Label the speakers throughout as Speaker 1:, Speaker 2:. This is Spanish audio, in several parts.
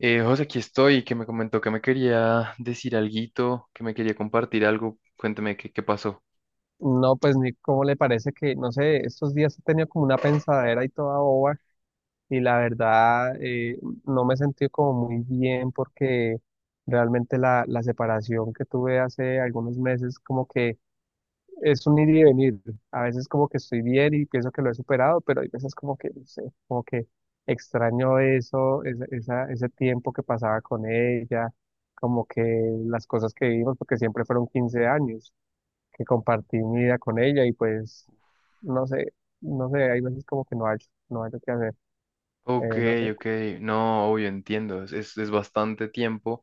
Speaker 1: José, aquí estoy, que me comentó que me quería decir alguito, que me quería compartir algo. Cuénteme qué pasó.
Speaker 2: No, pues ni cómo le parece que, no sé, estos días he tenido como una pensadera y toda boba y la verdad no me he sentido como muy bien porque realmente la separación que tuve hace algunos meses como que es un ir y venir. A veces como que estoy bien y pienso que lo he superado, pero hay veces como que, no sé, como que extraño eso, ese tiempo que pasaba con ella, como que las cosas que vivimos, porque siempre fueron 15 años que compartí mi vida con ella y pues no sé, no sé, hay veces como que no hay qué hacer,
Speaker 1: Ok,
Speaker 2: no sé.
Speaker 1: ok, no, obvio, entiendo, es bastante tiempo.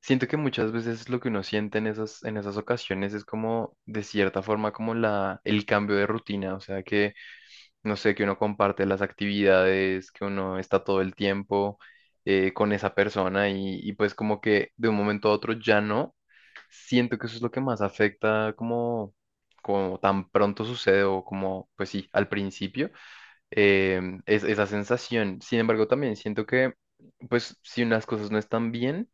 Speaker 1: Siento que muchas veces lo que uno siente en en esas ocasiones es como, de cierta forma, como el cambio de rutina, o sea, no sé, que uno comparte las actividades, que uno está todo el tiempo con esa persona y pues como que de un momento a otro ya no. Siento que eso es lo que más afecta como, como tan pronto sucede o como, pues sí, al principio, es esa sensación. Sin embargo, también siento que, pues si unas cosas no están bien,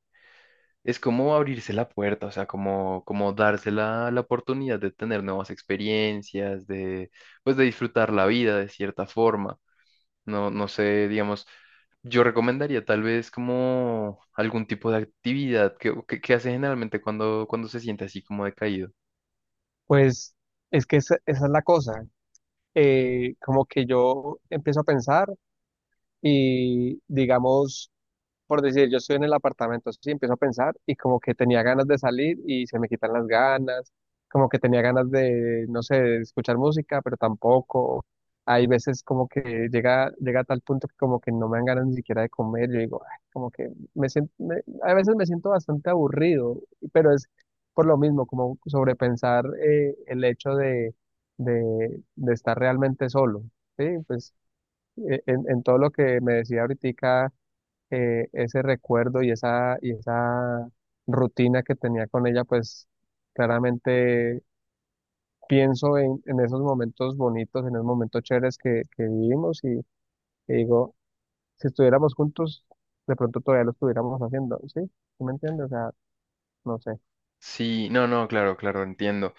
Speaker 1: es como abrirse la puerta, o sea, como, como darse la oportunidad de tener nuevas experiencias, de, pues de disfrutar la vida de cierta forma. No, no sé, digamos, yo recomendaría tal vez como algún tipo de actividad que hace generalmente cuando, cuando se siente así como decaído.
Speaker 2: Pues es que esa es la cosa, como que yo empiezo a pensar y digamos... Por decir, yo estoy en el apartamento, sí, empiezo a pensar y como que tenía ganas de salir y se me quitan las ganas, como que tenía ganas de, no sé, de escuchar música, pero tampoco. Hay veces como que llega a tal punto que como que no me dan ganas ni siquiera de comer. Yo digo, "Ay", como que me siento, a veces me siento bastante aburrido, pero es por lo mismo, como sobrepensar el hecho de, de estar realmente solo, ¿sí? Pues en todo lo que me decía ahorita ese recuerdo y esa rutina que tenía con ella, pues claramente pienso en esos momentos bonitos, en esos momentos chéveres que vivimos y digo, si estuviéramos juntos, de pronto todavía lo estuviéramos haciendo, ¿sí? ¿Sí me entiendes? O sea, no sé.
Speaker 1: Sí, no, no, claro, claro, entiendo.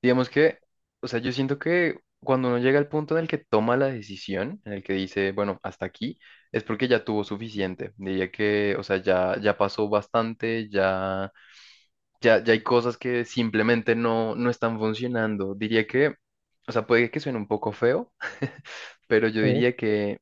Speaker 1: Digamos que, o sea, yo siento que cuando uno llega al punto en el que toma la decisión, en el que dice, bueno, hasta aquí, es porque ya tuvo suficiente. Diría que, o sea, ya pasó bastante, ya hay cosas que simplemente no, no están funcionando. Diría que, o sea, puede que suene un poco feo, pero yo
Speaker 2: Sí,
Speaker 1: diría que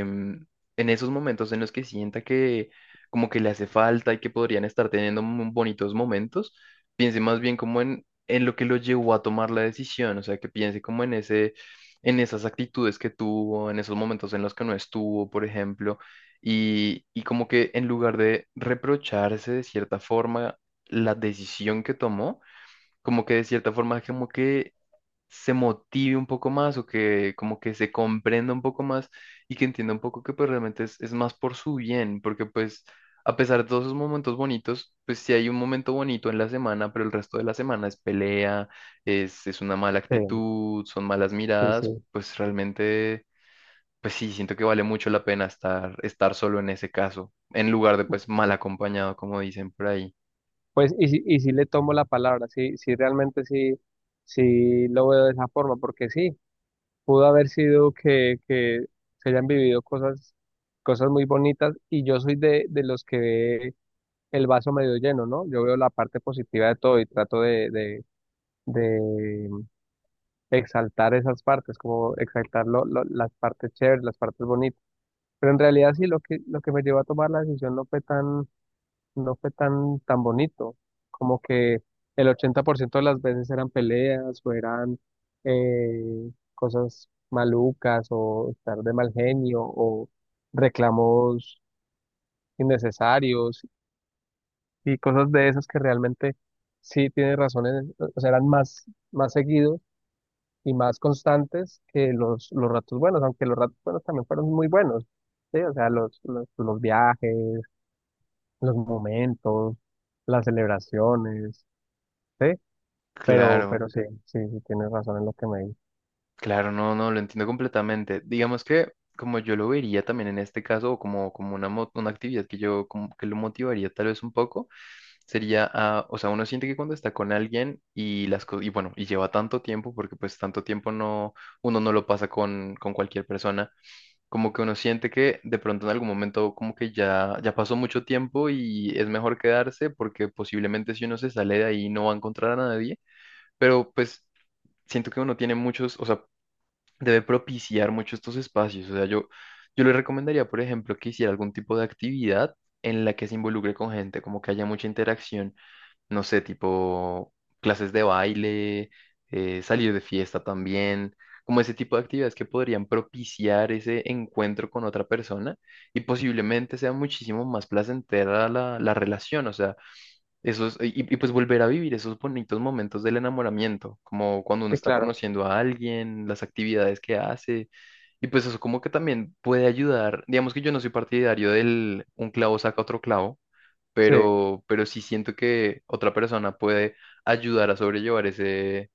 Speaker 1: en esos momentos en los que sienta que como que le hace falta y que podrían estar teniendo mu- bonitos momentos, piense más bien como en lo que lo llevó a tomar la decisión, o sea, que piense como en ese, en esas actitudes que tuvo, en esos momentos en los que no estuvo, por ejemplo. Y como que en lugar de reprocharse de cierta forma la decisión que tomó, como que de cierta forma como que se motive un poco más o que como que se comprenda un poco más y que entienda un poco que pues realmente es más por su bien, porque pues a pesar de todos esos momentos bonitos, pues sí hay un momento bonito en la semana, pero el resto de la semana es pelea, es una mala
Speaker 2: sí,
Speaker 1: actitud, son malas
Speaker 2: sí, sí.
Speaker 1: miradas, pues realmente, pues sí, siento que vale mucho la pena estar, estar solo en ese caso, en lugar de pues mal acompañado, como dicen por ahí.
Speaker 2: Pues y, y sí le tomo la palabra, sí, sí, realmente sí, sí lo veo de esa forma, porque sí. Pudo haber sido que se hayan vivido cosas, cosas muy bonitas y yo soy de los que ve el vaso medio lleno, ¿no? Yo veo la parte positiva de todo y trato de exaltar esas partes, como exaltar las partes chéveres, las partes bonitas. Pero en realidad sí, lo que me llevó a tomar la decisión no fue tan no fue tan bonito. Como que el 80% de las veces eran peleas o eran cosas malucas o estar de mal genio o reclamos innecesarios y cosas de esas que realmente sí tienen razones, o sea, eran más, más seguidos y más constantes que los ratos buenos, aunque los ratos buenos también fueron muy buenos. Sí, o sea, los viajes, los momentos, las celebraciones, sí,
Speaker 1: Claro.
Speaker 2: pero sí, sí, sí, tienes razón en lo que me dices.
Speaker 1: Claro, no, no, lo entiendo completamente. Digamos que como yo lo vería también en este caso, o como, como una, mo- una actividad que yo como que lo motivaría tal vez un poco, sería, ah, o sea, uno siente que cuando está con alguien y las cosas, y bueno, y lleva tanto tiempo, porque pues tanto tiempo no, uno no lo pasa con cualquier persona, como que uno siente que de pronto en algún momento como que ya, ya pasó mucho tiempo y es mejor quedarse porque posiblemente si uno se sale de ahí no va a encontrar a nadie, pero pues siento que uno tiene muchos, o sea, debe propiciar mucho estos espacios. O sea, yo le recomendaría, por ejemplo, que hiciera algún tipo de actividad en la que se involucre con gente, como que haya mucha interacción, no sé, tipo clases de baile, salir de fiesta también, como ese tipo de actividades que podrían propiciar ese encuentro con otra persona y posiblemente sea muchísimo más placentera la relación. O sea, esos, y pues volver a vivir esos bonitos momentos del enamoramiento, como cuando uno
Speaker 2: Sí,
Speaker 1: está
Speaker 2: claro,
Speaker 1: conociendo a alguien, las actividades que hace, y pues eso como que también puede ayudar. Digamos que yo no soy partidario del un clavo saca otro clavo,
Speaker 2: sí,
Speaker 1: pero sí siento que otra persona puede ayudar a sobrellevar ese,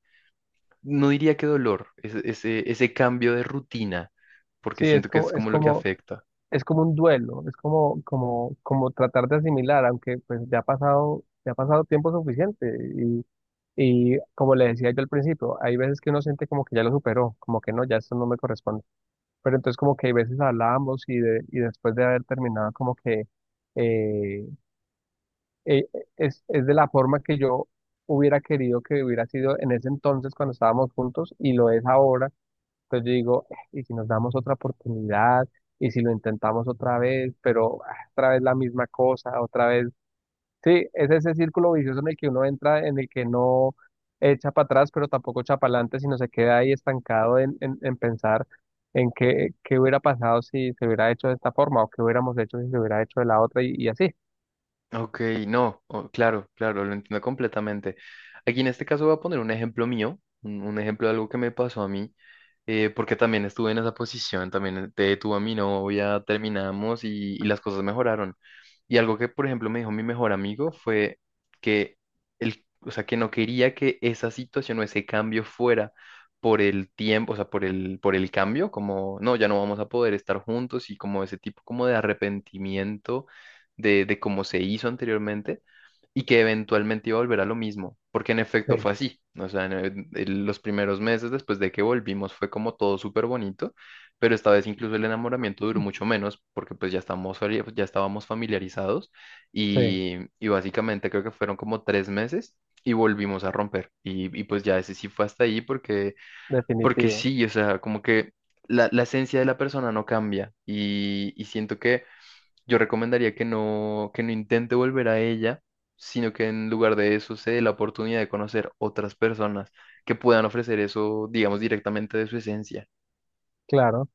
Speaker 1: no diría que dolor, ese cambio de rutina, porque
Speaker 2: sí, es
Speaker 1: siento que
Speaker 2: como,
Speaker 1: es
Speaker 2: es
Speaker 1: como lo que
Speaker 2: como,
Speaker 1: afecta.
Speaker 2: es como un duelo, es como, como, como tratar de asimilar, aunque pues ya ha pasado tiempo suficiente y, y como le decía yo al principio, hay veces que uno siente como que ya lo superó, como que no, ya esto no me corresponde, pero entonces como que hay veces hablábamos y después de haber terminado como que eh, eh, es de la forma que yo hubiera querido que hubiera sido en ese entonces cuando estábamos juntos y lo es ahora. Entonces yo digo, y si nos damos otra oportunidad, y si lo intentamos otra vez, pero ah, otra vez la misma cosa, otra vez. Sí, es ese círculo vicioso en el que uno entra, en el que no echa para atrás, pero tampoco echa para adelante, sino se queda ahí estancado en pensar en qué, qué hubiera pasado si se hubiera hecho de esta forma o qué hubiéramos hecho si se hubiera hecho de la otra y así.
Speaker 1: Ok, no, oh, claro, claro, lo entiendo completamente. Aquí en este caso voy a poner un ejemplo mío, un ejemplo de algo que me pasó a mí porque también estuve en esa posición, también te detuve a mi novia, terminamos y las cosas mejoraron. Y algo que, por ejemplo, me dijo mi mejor amigo fue que él, o sea, que no quería que esa situación o ese cambio fuera por el tiempo, o sea, por el cambio, como, no, ya no vamos a poder estar juntos y como ese tipo como de arrepentimiento de cómo se hizo anteriormente y que eventualmente iba a volver a lo mismo, porque en efecto
Speaker 2: Sí.
Speaker 1: fue así. O sea, en los primeros meses después de que volvimos fue como todo súper bonito, pero esta vez incluso el enamoramiento duró mucho menos porque pues ya estamos, fali- ya estábamos familiarizados
Speaker 2: Sí,
Speaker 1: y básicamente creo que fueron como tres meses y volvimos a romper. Y pues ya ese sí fue hasta ahí porque
Speaker 2: definitivo.
Speaker 1: sí, o sea, como que la esencia de la persona no cambia y siento que... Yo recomendaría que no intente volver a ella, sino que en lugar de eso se dé la oportunidad de conocer otras personas que puedan ofrecer eso, digamos, directamente de su esencia.
Speaker 2: Claro,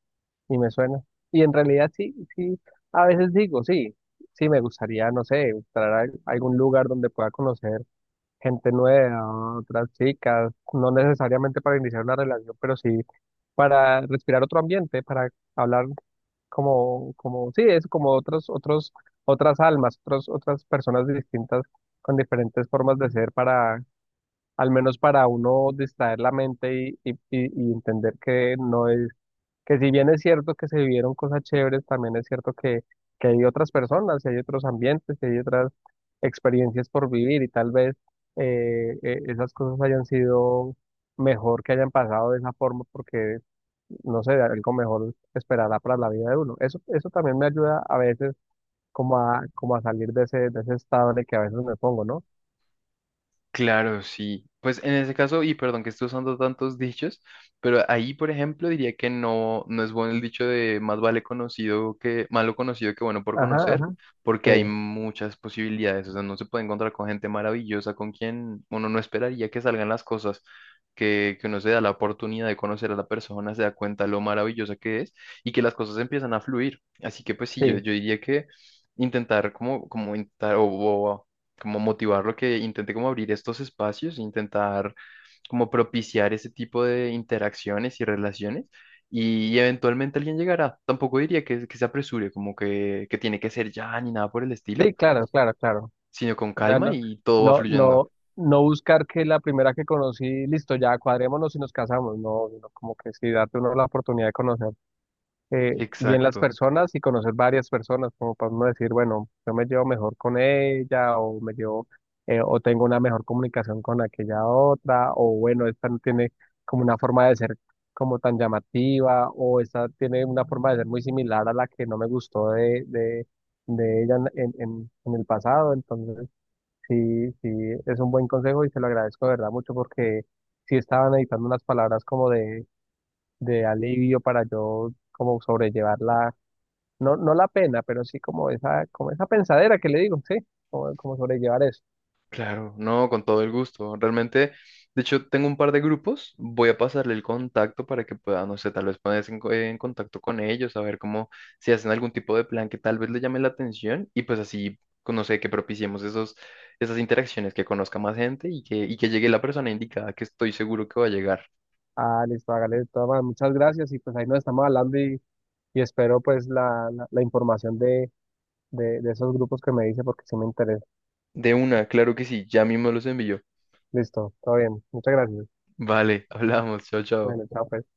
Speaker 2: y me suena. Y en realidad sí, sí, a veces digo, sí, sí, me gustaría, no sé, entrar a algún lugar donde pueda conocer gente nueva, otras chicas, no necesariamente para iniciar una relación, pero sí para respirar otro ambiente, para hablar como, como, sí, es como otras almas, otras personas distintas con diferentes formas de ser para, al menos para uno distraer la mente y entender que no es que si bien es cierto que se vivieron cosas chéveres, también es cierto que hay otras personas, y hay otros ambientes, y hay otras experiencias por vivir y tal vez esas cosas hayan sido mejor que hayan pasado de esa forma porque, no sé, algo mejor esperará para la vida de uno. Eso también me ayuda a veces como a, como a salir de ese estado en el que a veces me pongo, ¿no?
Speaker 1: Claro, sí. Pues en ese caso, y perdón que estoy usando tantos dichos, pero ahí, por ejemplo, diría que no, no es bueno el dicho de más vale conocido que, malo conocido que bueno por
Speaker 2: Ajá,
Speaker 1: conocer,
Speaker 2: ajá,
Speaker 1: porque
Speaker 2: sí,
Speaker 1: hay muchas posibilidades. O sea, no se puede encontrar con gente maravillosa con quien uno no esperaría que salgan las cosas, que uno se da la oportunidad de conocer a la persona, se da cuenta lo maravillosa que es y que las cosas empiezan a fluir. Así que pues sí,
Speaker 2: sí,
Speaker 1: yo diría que intentar como, como intentar o como motivarlo que intente como abrir estos espacios, intentar como propiciar ese tipo de interacciones y relaciones y eventualmente alguien llegará. Tampoco diría que se apresure, como que tiene que ser ya ni nada por el estilo,
Speaker 2: sí, claro, claro, claro.
Speaker 1: sino con
Speaker 2: O sea,
Speaker 1: calma
Speaker 2: no,
Speaker 1: y todo va
Speaker 2: no,
Speaker 1: fluyendo.
Speaker 2: no, no buscar que la primera que conocí, listo, ya cuadrémonos y nos casamos. No, sino como que sí, date uno la oportunidad de conocer bien las
Speaker 1: Exacto.
Speaker 2: personas y conocer varias personas, como para uno decir, bueno, yo me llevo mejor con ella o me llevo, o tengo una mejor comunicación con aquella otra, o bueno, esta no tiene como una forma de ser como tan llamativa, o esta tiene una forma de ser muy similar a la que no me gustó de ella en el pasado. Entonces... Sí, sí, es un buen consejo y se lo agradezco de verdad mucho porque sí estaban editando unas palabras como de alivio para yo como sobrellevar la, no, no la pena, pero sí como esa pensadera que le digo, sí, como, como sobrellevar eso.
Speaker 1: Claro, no, con todo el gusto. Realmente, de hecho, tengo un par de grupos. Voy a pasarle el contacto para que pueda, no sé, tal vez ponerse en, co- en contacto con ellos, a ver cómo, si hacen algún tipo de plan que tal vez le llame la atención y pues así, con- no sé, que propiciemos esos, esas interacciones, que conozca más gente y que llegue la persona indicada, que estoy seguro que va a llegar.
Speaker 2: Ah, listo, hágale de todas maneras, muchas gracias y pues ahí nos estamos hablando y espero pues la información de, de esos grupos que me dice porque sí me interesa.
Speaker 1: De una, claro que sí, ya mismo los envío.
Speaker 2: Listo, todo bien, muchas gracias.
Speaker 1: Vale, hablamos, chao, chao.
Speaker 2: Bueno, chao pues.